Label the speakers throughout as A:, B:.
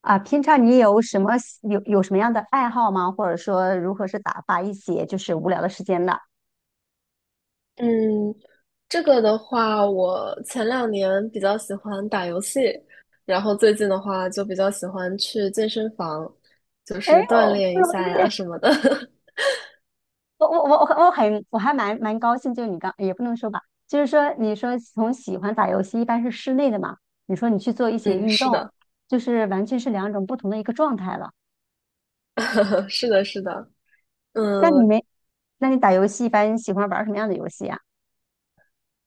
A: 啊，平常你有什么喜有有什么样的爱好吗？或者说如何是打发一些无聊的时间的？
B: 嗯，这个的话，我前两年比较喜欢打游戏，然后最近的话就比较喜欢去健身房，就
A: 哎呦，
B: 是锻炼
A: 不
B: 一
A: 容
B: 下呀
A: 易！
B: 什么的。
A: 我还蛮高兴，就是你刚也不能说吧，就是说你说从喜欢打游戏一般是室内的嘛，你说你去做一些
B: 嗯，
A: 运
B: 是
A: 动，
B: 的。
A: 就是完全是两种不同的一个状态了。
B: 是的，是的。
A: 那你
B: 嗯，
A: 没，那你打游戏一般喜欢玩什么样的游戏啊？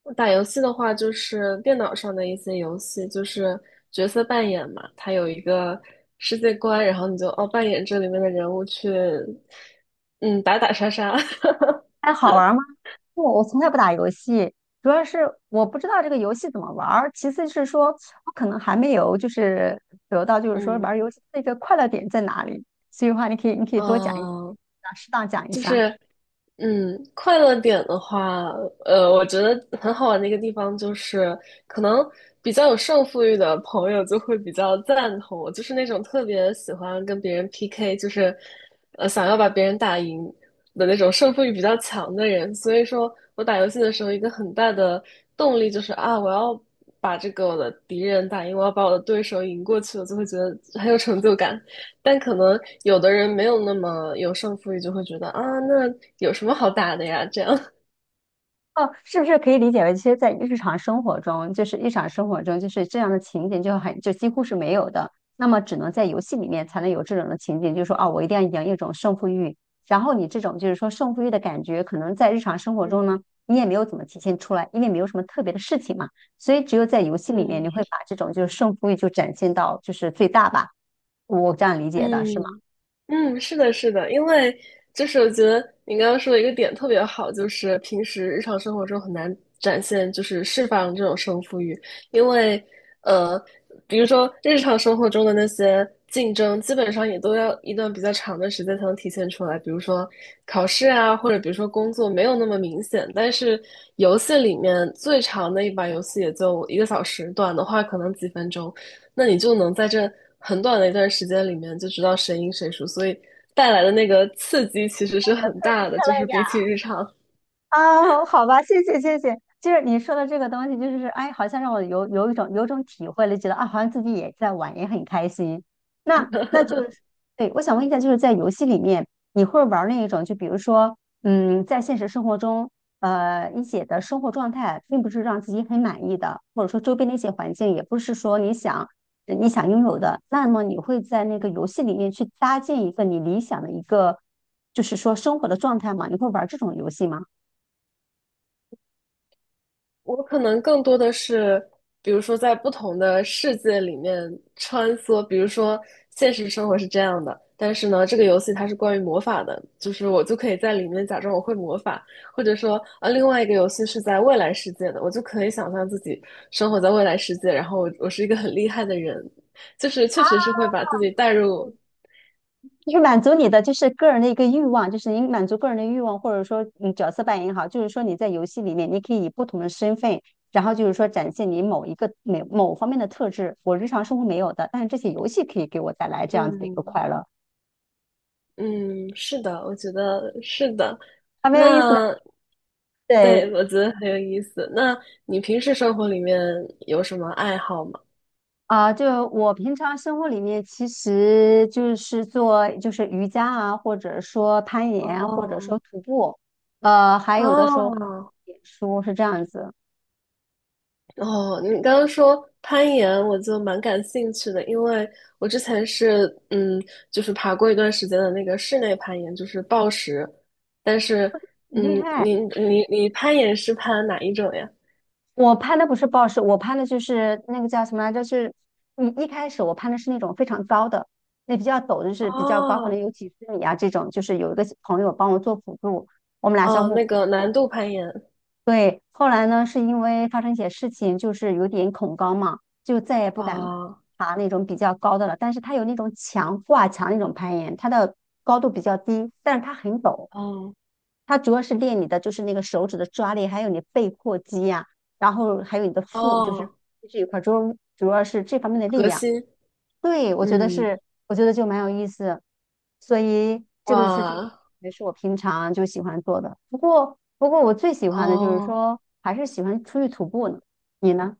B: 我打游戏的话，就是电脑上的一些游戏，就是角色扮演嘛，它有一个世界观，然后你就扮演这里面的人物去，嗯，打打杀杀。
A: 还好玩吗？不，我从来不打游戏，主要是我不知道这个游戏怎么玩儿，其次是说我可能还没有得到就是说玩
B: 嗯。
A: 儿游戏的一个快乐点在哪里，所以的话你可以多讲一
B: 嗯。
A: 讲，适当讲一
B: 就
A: 下。
B: 是。嗯，快乐点的话，我觉得很好玩的一个地方就是，可能比较有胜负欲的朋友就会比较赞同我，就是那种特别喜欢跟别人 PK，就是，想要把别人打赢的那种胜负欲比较强的人。所以说我打游戏的时候，一个很大的动力就是啊，我要把这个我的敌人打赢，我要把我的对手赢过去，我就会觉得很有成就感。但可能有的人没有那么有胜负欲，就会觉得啊，那有什么好打的呀？这样。
A: 哦，是不是可以理解为，其实，在日常生活中，就是这样的情景就很就几乎是没有的。那么，只能在游戏里面才能有这种的情景，就是说啊，我一定要赢一种胜负欲。然后你这种就是说胜负欲的感觉，可能在日常生活中呢，
B: 嗯
A: 你也没有怎么体现出来，因为没有什么特别的事情嘛。所以，只有在游戏里面，你
B: 嗯。
A: 会把这种就是胜负欲就展现到就是最大吧。我这样理解的是吗？
B: 嗯嗯，是的，是的，因为就是我觉得你刚刚说的一个点特别好，就是平时日常生活中很难展现，就是释放这种胜负欲，因为呃，比如说日常生活中的那些竞争，基本上也都要一段比较长的时间才能体现出来，比如说考试啊，或者比如说工作没有那么明显，但是游戏里面最长的一把游戏也就一个小时，短的话可能几分钟。那你就能在这很短的一段时间里面就知道谁赢谁输，所以带来的那个刺激其实是很大的。就是比起日常，
A: 啊，好吧，谢谢谢谢。就是你说的这个东西，就是哎，好像让我有一种体会了，觉得啊，好像自己也在玩，也很开心。那那就是，对，我想问一下，就是在游戏里面，你会玩那一种，就比如说，嗯，在现实生活中，你写的生活状态并不是让自己很满意的，或者说周边的一些环境也不是说你想拥有的，那么你会在那个游戏里面去搭建一个你理想的一个，就是说生活的状态吗？你会玩这种游戏吗？
B: 我可能更多的是，比如说在不同的世界里面穿梭，比如说现实生活是这样的，但是呢，这个游戏它是关于魔法的，就是我就可以在里面假装我会魔法，或者说啊，另外一个游戏是在未来世界的，我就可以想象自己生活在未来世界，然后我是一个很厉害的人。就是确实是会把自己带入。
A: 就是满足你的就是个人的一个欲望，就是你满足个人的欲望，或者说你角色扮演也好，就是说你在游戏里面，你可以以不同的身份，然后就是说展现你某一个某某方面的特质，我日常生活没有的，但是这些游戏可以给我带来这样子的一个
B: 嗯
A: 快乐，
B: 嗯。是的，我觉得是的。
A: 还蛮有意思的。
B: 那对，
A: 对
B: 我觉得很有意思。那你平时生活里面有什么爱好吗？
A: 啊，就我平常生活里面，其实就是做就是瑜伽啊，或者说攀岩啊或者说
B: 哦
A: 徒步，还有的时候
B: 哦
A: 写书是这样子，
B: 哦。你刚刚说攀岩，我就蛮感兴趣的，因为我之前是就是爬过一段时间的那个室内攀岩，就是抱石。但是
A: 很
B: 嗯，
A: 厉害。
B: 你你攀岩是攀哪一种呀？
A: 我攀的不是 b o 我攀的就是那个叫什么来着？就是，你一开始我攀的是那种非常高的，那比较陡，就是比较高，可
B: 哦
A: 能有几十米啊这种。就是有一个朋友帮我做辅助，我们俩相
B: 哦，
A: 互
B: 那
A: 辅
B: 个
A: 助。
B: 难度攀岩。
A: 对，后来呢，是因为发生一些事情，就是有点恐高嘛，就再也不敢
B: 哦
A: 爬那种比较高的了。但是它有那种墙挂墙那种攀岩，它的高度比较低，但是它很陡。
B: 哦
A: 它主要是练你的就是那个手指的抓力，还有你背阔肌呀、然后还有你的腹，就是
B: 哦。
A: 这一块儿，主要是这方面的力
B: 核
A: 量。
B: 心。
A: 对，我觉得
B: 嗯。
A: 是，我觉得就蛮有意思，所以这个是就
B: 哇。
A: 也是我平常就喜欢做的。不过,我最喜欢的就是
B: 哦。
A: 说，还是喜欢出去徒步呢。你呢？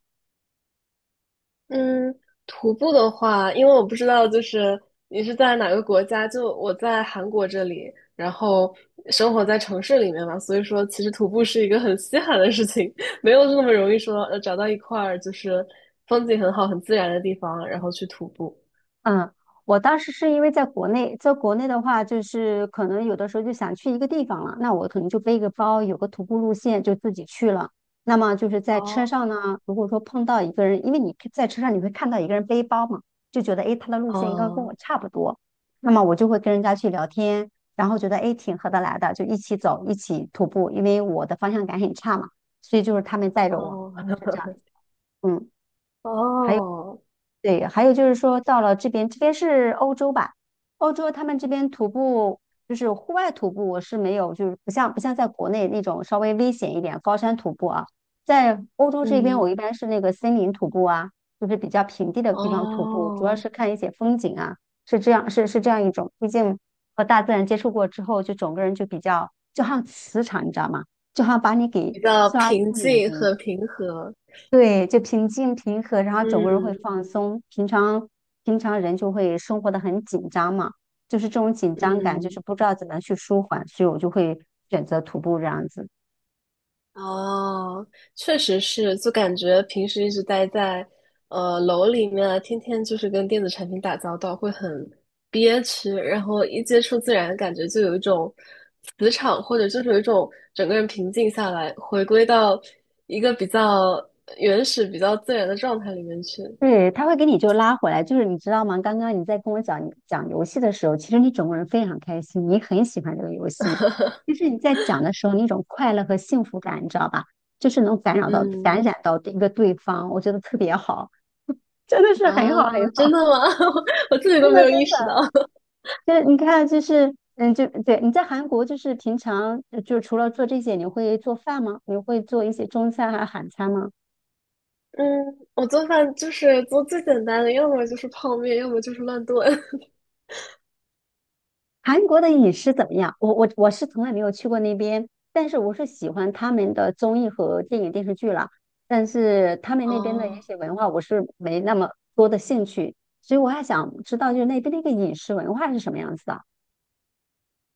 B: 嗯，徒步的话，因为我不知道，就是你是在哪个国家，就我在韩国这里，然后生活在城市里面嘛，所以说其实徒步是一个很稀罕的事情，没有那么容易说找到一块儿就是风景很好、很自然的地方，然后去徒步。
A: 嗯，我当时是因为在国内，在国内的话，就是可能有的时候就想去一个地方了，那我可能就背个包，有个徒步路线就自己去了。那么就是在车
B: 哦。
A: 上呢，如果说碰到一个人，因为你在车上你会看到一个人背包嘛，就觉得诶，他的路线应该跟
B: 哦。
A: 我差不多，那么我就会跟人家去聊天，然后觉得诶挺合得来的，就一起走，一起徒步，因为我的方向感很差嘛，所以就是他们带着我，
B: 哦。
A: 是这样子嗯，还有。
B: 哦。
A: 对，还有就是说到了这边，这边是欧洲吧？欧洲他们这边徒步就是户外徒步我是没有，就是不像在国内那种稍微危险一点高山徒步啊，在欧洲这边
B: 嗯。
A: 我一般是那个森林徒步啊，就是比较平地的地方徒步，主要
B: 哦。
A: 是看一些风景啊，是这样是是这样一种。毕竟和大自然接触过之后，就整个人就比较就好像磁场，你知道吗？就好像把你给
B: 比较
A: 刷
B: 平
A: 新一
B: 静
A: 遍，
B: 和平和。
A: 对，就平静平和，然后整个人会
B: 嗯
A: 放松。平常人就会生活的很紧张嘛，就是这种紧张感，就
B: 嗯。
A: 是不知道怎么去舒缓，所以我就会选择徒步这样子。
B: 哦，确实是，就感觉平时一直待在楼里面啊天天就是跟电子产品打交道，会很憋屈，然后一接触自然，感觉就有一种磁场，或者就是有一种整个人平静下来，回归到一个比较原始、比较自然的状态里面去。
A: 对，他会给你就拉回来，就是你知道吗？刚刚你在跟我讲游戏的时候，其实你整个人非常开心，你很喜欢这个游戏。就是你在讲的时候那种快乐和幸福感，你知道吧？就是能感染到
B: 嗯。
A: 感染到一个对方，我觉得特别好，真的是
B: 啊，
A: 很好很
B: 真
A: 好，
B: 的吗？我自己
A: 真
B: 都没
A: 的
B: 有意
A: 真
B: 识到。
A: 的。就是你看，就是嗯，就对你在韩国，就是平常就除了做这些，你会做饭吗？你会做一些中餐还是韩餐吗？
B: 嗯，我做饭就是做最简单的，要么就是泡面，要么就是乱炖。
A: 韩国的饮食怎么样？我是从来没有去过那边，但是我是喜欢他们的综艺和电影电视剧了，但是他们那边的一
B: 哦。
A: 些文化，我是没那么多的兴趣，所以我还想知道，就是那边的一个饮食文化是什么样子的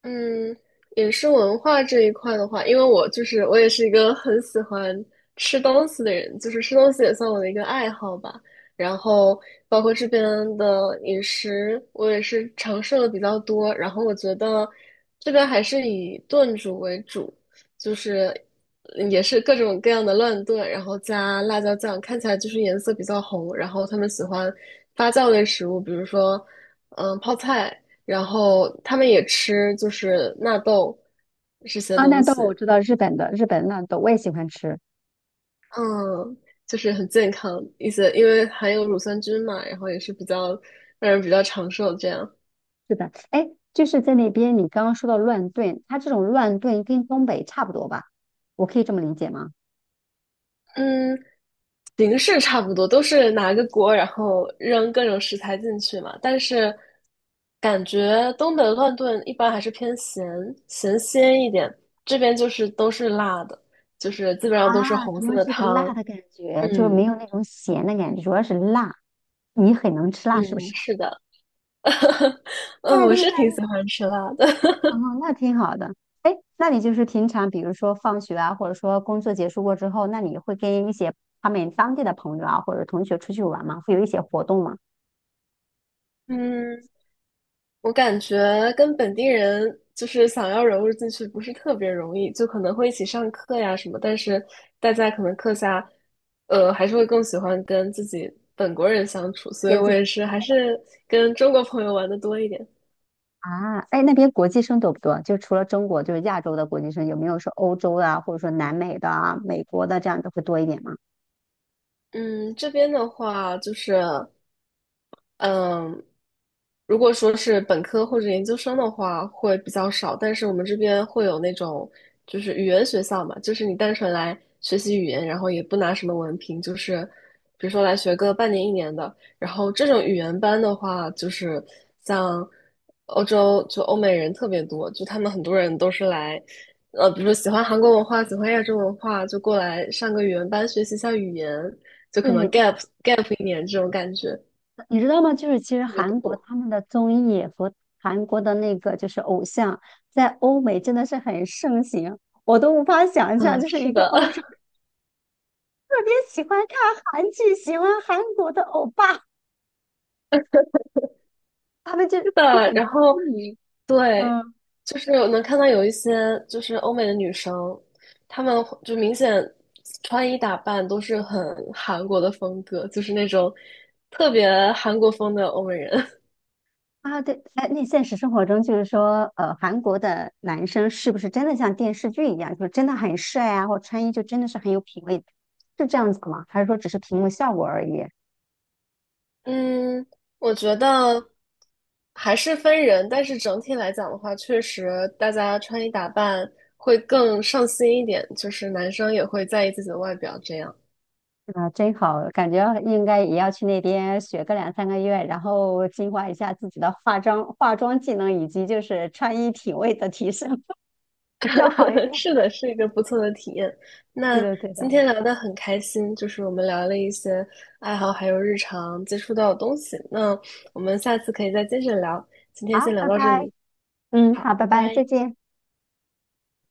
B: 嗯，饮食文化这一块的话，因为我就是我也是一个很喜欢吃东西的人，就是吃东西也算我的一个爱好吧。然后包括这边的饮食，我也是尝试了比较多。然后我觉得这边还是以炖煮为主，就是也是各种各样的乱炖，然后加辣椒酱，看起来就是颜色比较红。然后他们喜欢发酵类食物，比如说泡菜。然后他们也吃就是纳豆这些
A: 啊？那
B: 东
A: 豆
B: 西，
A: 我知道，日本的纳豆我也喜欢吃。
B: 嗯，就是很健康一些，因为含有乳酸菌嘛，然后也是比较让人比较长寿这样。
A: 是的，哎，就是在那边，你刚刚说到乱炖，它这种乱炖跟东北差不多吧？我可以这么理解吗？
B: 嗯，形式差不多，都是拿个锅，然后扔各种食材进去嘛。但是感觉东北乱炖一般还是偏咸，咸鲜一点，这边就是都是辣的，就是基本上都是
A: 啊，
B: 红
A: 主
B: 色
A: 要
B: 的
A: 是一个辣
B: 汤。
A: 的感觉，就没
B: 嗯
A: 有那种咸的感觉，主要是辣。你很能吃辣是不
B: 嗯，
A: 是？
B: 是的。嗯，
A: 那
B: 我
A: 厉
B: 是挺
A: 害
B: 喜欢吃辣的。
A: 哦，那挺好的。哎，那你就是平常，比如说放学啊，或者说工作结束过之后，那你会跟一些他们当地的朋友啊，或者同学出去玩吗？会有一些活动吗？
B: 嗯，我感觉跟本地人就是想要融入进去不是特别容易，就可能会一起上课呀什么，但是大家可能课下，还是会更喜欢跟自己本国人相处，所以
A: 跟
B: 我
A: 自己
B: 也是还是跟中国朋友玩的多一点。
A: 啊，哎，那边国际生多不多？就除了中国，就是亚洲的国际生，有没有说欧洲的啊、或者说南美的啊、美国的这样的会多一点吗？
B: 嗯，这边的话就是。嗯，如果说是本科或者研究生的话，会比较少，但是我们这边会有那种就是语言学校嘛，就是你单纯来学习语言，然后也不拿什么文凭，就是比如说来学个半年一年的。然后这种语言班的话，就是像欧洲就欧美人特别多，就他们很多人都是来，比如说喜欢韩国文化，喜欢亚洲文化，就过来上个语言班学习一下语言，就可能
A: 对，
B: gap 一年这种感觉
A: 你知道吗？就是其实
B: 特别
A: 韩国
B: 多。
A: 他们的综艺和韩国的那个就是偶像，在欧美真的是很盛行，我都无法想象，
B: 嗯，
A: 就是一
B: 是
A: 个
B: 的，
A: 欧洲特 别喜欢看韩剧，喜欢韩国的欧巴，他们就
B: 是
A: 就
B: 的。
A: 很
B: 然
A: 痴
B: 后，
A: 迷。
B: 对，
A: 嗯。
B: 就是我能看到有一些就是欧美的女生，她们会就明显穿衣打扮都是很韩国的风格，就是那种特别韩国风的欧美人。
A: 啊，对，哎，那现实生活中就是说，韩国的男生是不是真的像电视剧一样，就是真的很帅啊，或穿衣就真的是很有品味，是这样子吗？还是说只是屏幕效果而已？
B: 嗯，我觉得还是分人，但是整体来讲的话，确实大家穿衣打扮会更上心一点，就是男生也会在意自己的外表这样。
A: 啊，真好，感觉应该也要去那边学个两三个月，然后进化一下自己的化妆技能，以及就是穿衣品味的提升，比较好一 点。
B: 是的，是一个不错的体验。
A: 对
B: 那
A: 的，对的。
B: 今天聊得很开心，就是我们聊了一些爱好，还有日常接触到的东西。那我们下次可以再接着聊。今天
A: 好，
B: 先聊
A: 拜
B: 到这
A: 拜。
B: 里，
A: 嗯，
B: 好，
A: 好，拜
B: 拜
A: 拜，再
B: 拜。
A: 见。